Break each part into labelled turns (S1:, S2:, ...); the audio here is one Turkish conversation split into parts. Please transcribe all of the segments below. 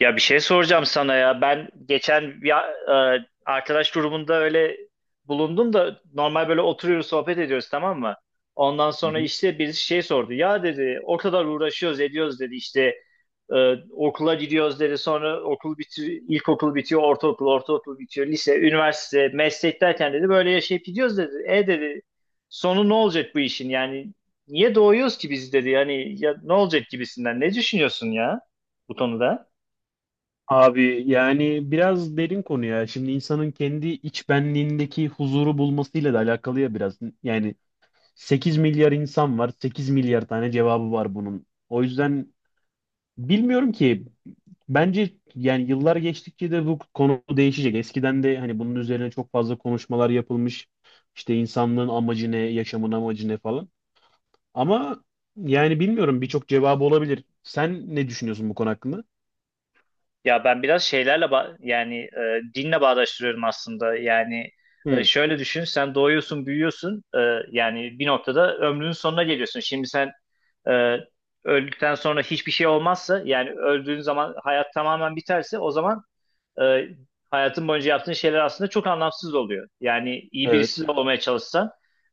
S1: Ya bir şey soracağım sana ya. Ben geçen arkadaş grubunda öyle bulundum da normal böyle oturuyoruz sohbet ediyoruz, tamam mı? Ondan
S2: Hı
S1: sonra
S2: hı.
S1: işte birisi şey sordu. Ya dedi o kadar uğraşıyoruz ediyoruz dedi işte okula gidiyoruz dedi. Sonra okul bitiyor, ilkokul bitiyor, ortaokul, bitiyor, lise, üniversite, meslek derken dedi böyle yaşayıp gidiyoruz dedi. E dedi sonu ne olacak bu işin yani niye doğuyoruz ki biz dedi. Yani ya, ne olacak gibisinden ne düşünüyorsun ya bu konuda?
S2: Abi, yani biraz derin konu ya. Şimdi insanın kendi iç benliğindeki huzuru bulmasıyla da alakalı ya, biraz. Yani 8 milyar insan var. 8 milyar tane cevabı var bunun. O yüzden bilmiyorum ki, bence yani yıllar geçtikçe de bu konu değişecek. Eskiden de hani bunun üzerine çok fazla konuşmalar yapılmış. İşte insanlığın amacı ne, yaşamın amacı ne falan. Ama yani bilmiyorum, birçok cevabı olabilir. Sen ne düşünüyorsun bu konu hakkında?
S1: Ya ben biraz şeylerle ba- yani e, dinle bağdaştırıyorum aslında. Yani
S2: Hı,
S1: şöyle düşün, sen doğuyorsun, büyüyorsun. Yani bir noktada ömrünün sonuna geliyorsun. Şimdi sen e, öldükten sonra hiçbir şey olmazsa, yani öldüğün zaman hayat tamamen biterse, o zaman e, hayatın boyunca yaptığın şeyler aslında çok anlamsız oluyor. Yani iyi birisi
S2: evet.
S1: olmaya çalışsan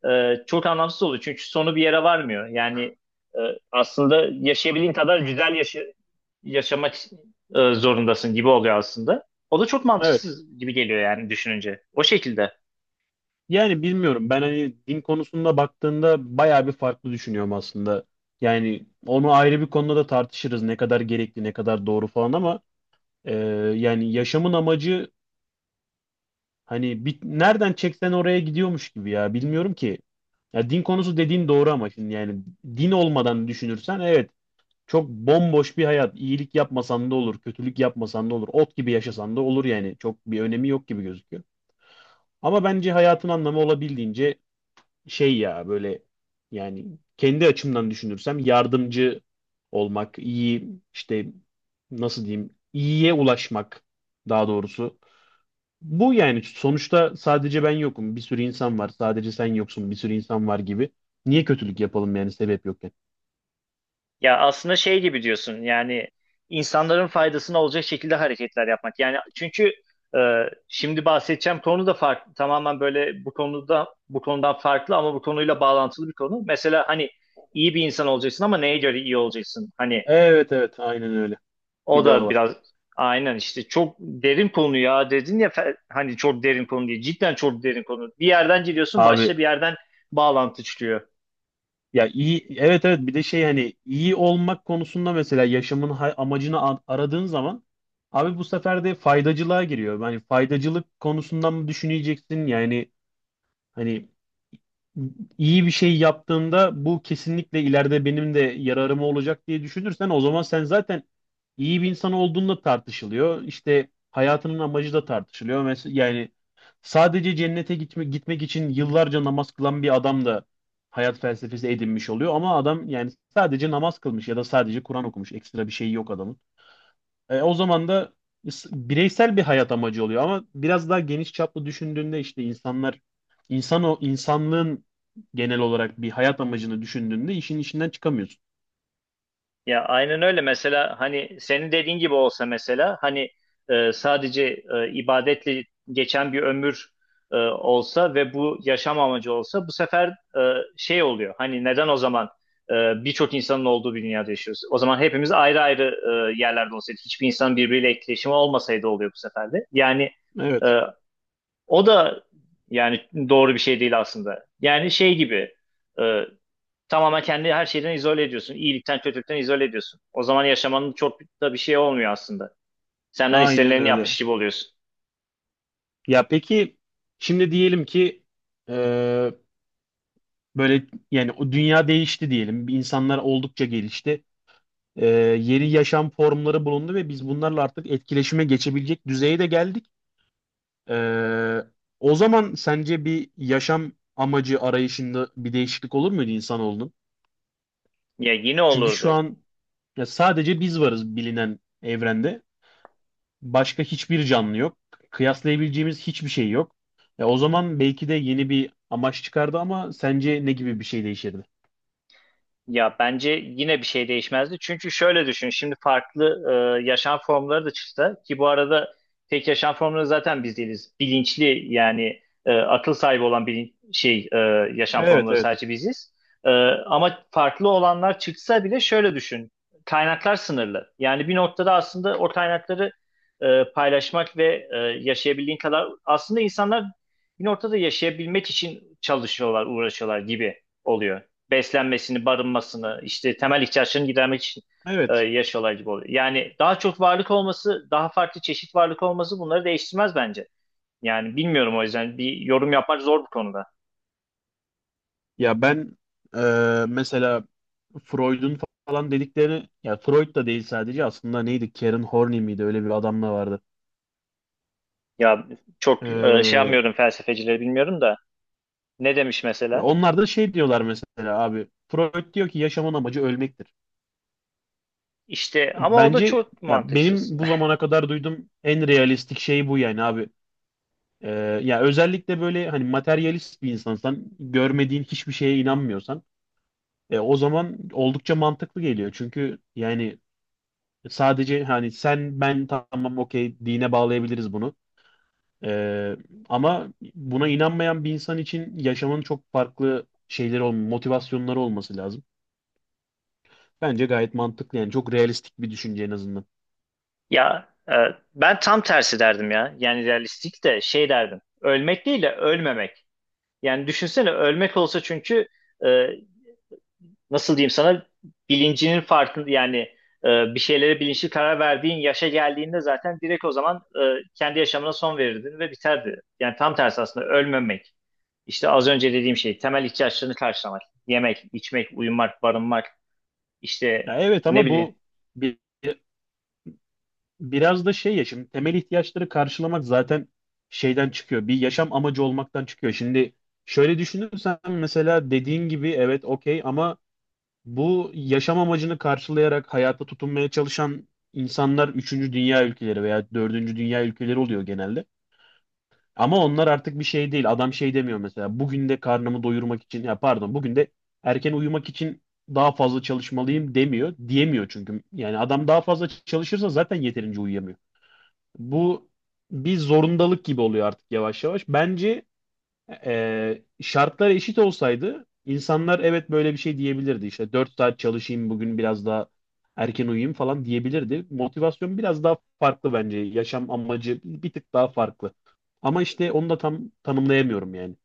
S1: çok anlamsız oluyor. Çünkü sonu bir yere varmıyor. Yani e, aslında yaşayabildiğin kadar güzel yaşa- yaşamak zorundasın gibi oluyor aslında. O da çok
S2: Evet.
S1: mantıksız gibi geliyor yani düşününce. O şekilde.
S2: Yani bilmiyorum. Ben hani din konusunda baktığında bayağı bir farklı düşünüyorum aslında. Yani onu ayrı bir konuda da tartışırız. Ne kadar gerekli, ne kadar doğru falan ama e, yani yaşamın amacı hani bir, nereden çeksen oraya gidiyormuş gibi ya. Bilmiyorum ki. Ya din konusu dediğin doğru ama şimdi yani din olmadan düşünürsen, evet, çok bomboş bir hayat. İyilik yapmasan da olur, kötülük yapmasan da olur, ot gibi yaşasan da olur yani. Çok bir önemi yok gibi gözüküyor. Ama bence hayatın anlamı olabildiğince şey ya, böyle yani kendi açımdan düşünürsem yardımcı olmak, iyi, işte nasıl diyeyim, iyiye ulaşmak daha doğrusu. Bu yani sonuçta sadece ben yokum. Bir sürü insan var. Sadece sen yoksun. Bir sürü insan var gibi. Niye kötülük yapalım yani sebep yokken?
S1: Ya aslında şey gibi diyorsun yani insanların faydasına olacak şekilde hareketler yapmak. Yani çünkü e, şimdi bahsedeceğim konu da farklı. Tamamen böyle bu konudan farklı ama bu konuyla bağlantılı bir konu. Mesela hani iyi bir insan olacaksın ama neye göre iyi olacaksın? Hani
S2: Evet evet, aynen öyle. Bir
S1: o
S2: daha
S1: da
S2: var.
S1: biraz aynen işte çok derin konu ya dedin ya hani çok derin konu diye. Cidden çok derin konu. Bir yerden giriyorsun başka
S2: Abi.
S1: bir yerden bağlantı çıkıyor.
S2: Ya iyi, evet evet, bir de şey, hani iyi olmak konusunda mesela yaşamın amacını aradığın zaman abi, bu sefer de faydacılığa giriyor. Yani faydacılık konusundan mı düşüneceksin? Yani hani iyi bir şey yaptığımda bu kesinlikle ileride benim de yararıma olacak diye düşünürsen, o zaman sen zaten iyi bir insan olduğunda tartışılıyor. İşte hayatının amacı da tartışılıyor. Mesela yani sadece cennete gitme, gitmek için yıllarca namaz kılan bir adam da hayat felsefesi edinmiş oluyor ama adam yani sadece namaz kılmış ya da sadece Kur'an okumuş. Ekstra bir şey yok adamın. O zaman da bireysel bir hayat amacı oluyor ama biraz daha geniş çaplı düşündüğünde işte insanlar, insanlığın genel olarak bir hayat amacını düşündüğünde işin içinden çıkamıyorsun.
S1: Ya aynen öyle mesela hani senin dediğin gibi olsa mesela hani sadece ibadetle geçen bir ömür olsa ve bu yaşam amacı olsa bu sefer e, şey oluyor hani neden o zaman e, birçok insanın olduğu bir dünyada yaşıyoruz? O zaman hepimiz ayrı ayrı yerlerde olsaydık hiçbir insan birbiriyle etkileşimi olmasaydı oluyor bu sefer de. Yani e,
S2: Evet.
S1: o da yani doğru bir şey değil aslında. Yani şey gibi. e, Tamamen kendi her şeyden izole ediyorsun. İyilikten, kötülükten izole ediyorsun. O zaman yaşamanın çok da bir şey olmuyor aslında. Senden
S2: Aynen
S1: istenileni
S2: öyle.
S1: yapmış gibi oluyorsun.
S2: Ya peki şimdi diyelim ki e, böyle yani o dünya değişti diyelim. İnsanlar oldukça gelişti. E, Yeni yaşam formları bulundu ve biz bunlarla artık etkileşime geçebilecek düzeye de geldik. Ee, O zaman sence bir yaşam amacı arayışında bir değişiklik olur muydu insanoğlunun?
S1: Ya yine
S2: Çünkü şu
S1: olurdu.
S2: an ya sadece biz varız bilinen evrende. Başka hiçbir canlı yok. Kıyaslayabileceğimiz hiçbir şey yok. Ya o zaman belki de yeni bir amaç çıkardı ama sence ne gibi bir şey değişirdi?
S1: Ya bence yine bir şey değişmezdi. Çünkü şöyle düşün. Şimdi farklı yaşam formları da çıksa, ki bu arada tek yaşam formları zaten biz değiliz. Bilinçli yani akıl sahibi olan bir şey yaşam
S2: Evet,
S1: formları
S2: evet.
S1: sadece biziz. E, Ama farklı olanlar çıksa bile şöyle düşün. Kaynaklar sınırlı. Yani bir noktada aslında o kaynakları paylaşmak ve yaşayabildiğin kadar aslında insanlar bir noktada yaşayabilmek için çalışıyorlar, uğraşıyorlar gibi oluyor, beslenmesini, barınmasını, işte temel ihtiyaçlarını gidermek için
S2: Evet.
S1: yaşıyorlar gibi oluyor. Yani daha çok varlık olması, daha farklı çeşit varlık olması bunları değiştirmez bence. Yani bilmiyorum, o yüzden bir yorum yapmak zor bu konuda.
S2: Ya ben, e, mesela Freud'un falan dedikleri, ya Freud da değil sadece, aslında neydi? Karen Horney miydi? Öyle bir adam da vardı.
S1: Ya çok şey yapmıyorum, felsefecileri bilmiyorum da ne demiş
S2: Ya
S1: mesela?
S2: onlar da şey diyorlar mesela abi. Freud diyor ki yaşamın amacı ölmektir.
S1: İşte ama o da
S2: Bence,
S1: çok
S2: ya
S1: mantıksız.
S2: benim bu zamana kadar duyduğum en realistik şey bu yani abi. Ee, Ya özellikle böyle hani materyalist bir insansan, görmediğin hiçbir şeye inanmıyorsan, o zaman oldukça mantıklı geliyor. Çünkü yani sadece hani sen ben tamam okey, dine bağlayabiliriz bunu. Ee, Ama buna inanmayan bir insan için yaşamın çok farklı şeyleri, motivasyonları olması lazım. Bence gayet mantıklı, yani çok realistik bir düşünce en azından.
S1: Ya ben tam tersi derdim ya. Yani realistik de şey derdim. Ölmek değil de ölmemek. Yani düşünsene ölmek olsa çünkü e, nasıl diyeyim sana, bilincinin farkında yani bir şeylere bilinçli karar verdiğin yaşa geldiğinde zaten direkt o zaman kendi yaşamına son verirdin ve biterdi. Yani tam tersi aslında ölmemek. İşte az önce dediğim şey temel ihtiyaçlarını karşılamak. Yemek, içmek, uyumak, barınmak, işte
S2: Ya evet
S1: ne
S2: ama
S1: bileyim.
S2: bu bir, biraz da şey ya, şimdi temel ihtiyaçları karşılamak zaten şeyden çıkıyor. Bir yaşam amacı olmaktan çıkıyor. Şimdi şöyle düşünürsen, mesela dediğin gibi evet okey ama bu yaşam amacını karşılayarak hayata tutunmaya çalışan insanlar üçüncü dünya ülkeleri veya dördüncü dünya ülkeleri oluyor genelde. Ama onlar artık bir şey değil. Adam şey demiyor mesela. Bugün de karnımı doyurmak için, ya pardon, bugün de erken uyumak için daha fazla çalışmalıyım demiyor. Diyemiyor çünkü. Yani adam daha fazla çalışırsa zaten yeterince uyuyamıyor. Bu bir zorundalık gibi oluyor artık yavaş yavaş. Bence şartlar eşit olsaydı insanlar evet böyle bir şey diyebilirdi. İşte 4 saat çalışayım bugün, biraz daha erken uyuyayım falan diyebilirdi. Motivasyon biraz daha farklı bence. Yaşam amacı bir tık daha farklı. Ama işte onu da tam tanımlayamıyorum yani.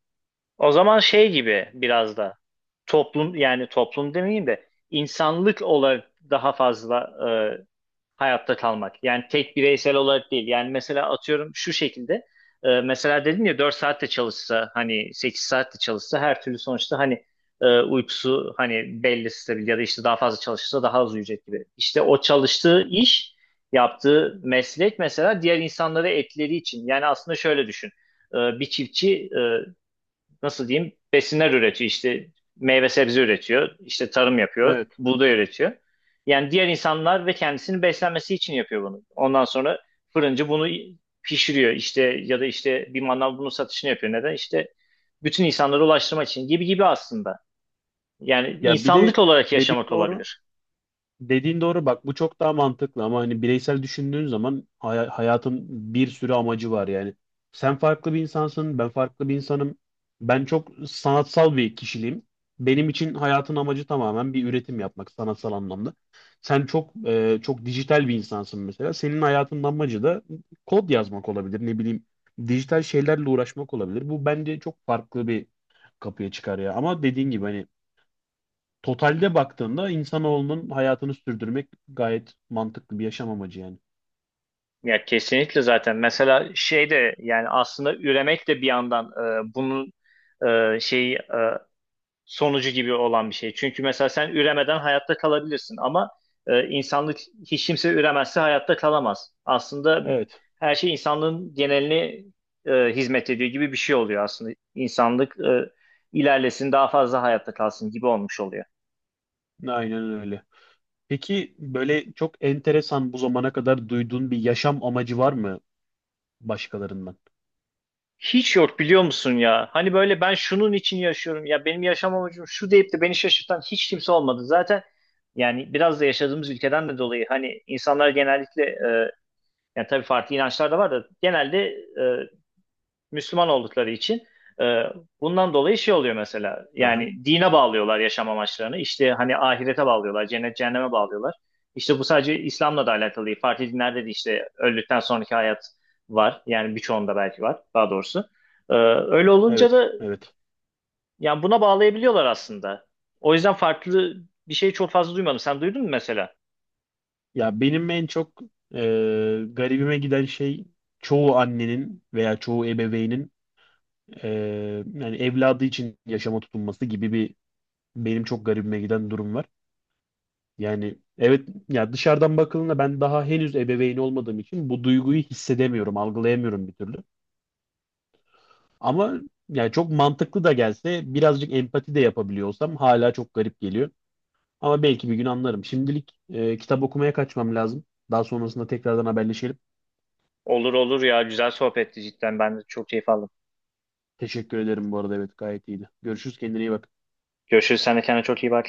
S1: O zaman şey gibi biraz da toplum, yani toplum demeyeyim de insanlık olarak daha fazla e, hayatta kalmak. Yani tek bireysel olarak değil. Yani mesela atıyorum şu şekilde. Mesela dedim ya 4 saatte çalışsa hani 8 saatte çalışsa her türlü sonuçta hani uykusu hani belli stabil ya da işte daha fazla çalışırsa daha az uyuyacak gibi. İşte o çalıştığı iş, yaptığı meslek mesela diğer insanlara etkileri için. Yani aslında şöyle düşün. Bir çiftçi nasıl diyeyim besinler üretiyor, işte meyve sebze üretiyor, işte tarım yapıyor,
S2: Evet.
S1: buğday üretiyor. Yani diğer insanlar ve kendisini beslenmesi için yapıyor bunu. Ondan sonra fırıncı bunu pişiriyor işte, ya da işte bir manav bunun satışını yapıyor. Neden? İşte bütün insanlara ulaştırmak için gibi gibi aslında. Yani
S2: Ya bir de
S1: insanlık olarak
S2: dediğin
S1: yaşamak
S2: doğru.
S1: olabilir.
S2: Dediğin doğru, bak bu çok daha mantıklı ama hani bireysel düşündüğün zaman hayatın bir sürü amacı var yani. Sen farklı bir insansın, ben farklı bir insanım. Ben çok sanatsal bir kişiliğim. Benim için hayatın amacı tamamen bir üretim yapmak, sanatsal anlamda. Sen çok çok dijital bir insansın mesela. Senin hayatının amacı da kod yazmak olabilir, ne bileyim, dijital şeylerle uğraşmak olabilir. Bu bence çok farklı bir kapıya çıkar ya. Ama dediğin gibi, hani totalde baktığında insanoğlunun hayatını sürdürmek gayet mantıklı bir yaşam amacı yani.
S1: Ya kesinlikle zaten. Mesela şey de yani aslında üremek de bir yandan bunun e, şeyi e, sonucu gibi olan bir şey. Çünkü mesela sen üremeden hayatta kalabilirsin ama insanlık, hiç kimse üremezse hayatta kalamaz. Aslında
S2: Evet,
S1: her şey insanlığın genelini hizmet ediyor gibi bir şey oluyor aslında. İnsanlık ilerlesin, daha fazla hayatta kalsın gibi olmuş oluyor.
S2: aynen öyle. Peki böyle çok enteresan bu zamana kadar duyduğun bir yaşam amacı var mı başkalarından?
S1: Hiç yok biliyor musun ya? Hani böyle ben şunun için yaşıyorum ya benim yaşam amacım şu deyip de beni şaşırtan hiç kimse olmadı. Zaten yani biraz da yaşadığımız ülkeden de dolayı hani insanlar genellikle yani tabii farklı inançlar da var da genelde e, Müslüman oldukları için e, bundan dolayı şey oluyor mesela.
S2: Aha,
S1: Yani dine bağlıyorlar yaşam amaçlarını. İşte hani ahirete bağlıyorlar, cennet cehenneme bağlıyorlar. İşte bu sadece İslam'la da alakalı değil. Farklı dinlerde de işte öldükten sonraki hayat var. Yani birçoğunda belki var daha doğrusu. E, Öyle olunca
S2: evet,
S1: da
S2: evet.
S1: yani buna bağlayabiliyorlar aslında. O yüzden farklı bir şey çok fazla duymadım. Sen duydun mu mesela?
S2: Ya benim en çok e, garibime giden şey çoğu annenin veya çoğu ebeveynin e, yani evladı için yaşama tutunması gibi bir, benim çok garibime giden durum var. Yani evet ya, dışarıdan bakıldığında ben daha henüz ebeveyn olmadığım için bu duyguyu hissedemiyorum, algılayamıyorum bir türlü. Ama yani çok mantıklı da gelse, birazcık empati de yapabiliyor olsam hala çok garip geliyor. Ama belki bir gün anlarım. Şimdilik kitap okumaya kaçmam lazım. Daha sonrasında tekrardan haberleşelim.
S1: Olur olur ya, güzel sohbetti cidden. Ben de çok keyif aldım.
S2: Teşekkür ederim bu arada, evet gayet iyiydi. Görüşürüz, kendine iyi bak.
S1: Görüşürüz. Sen de kendine çok iyi bak.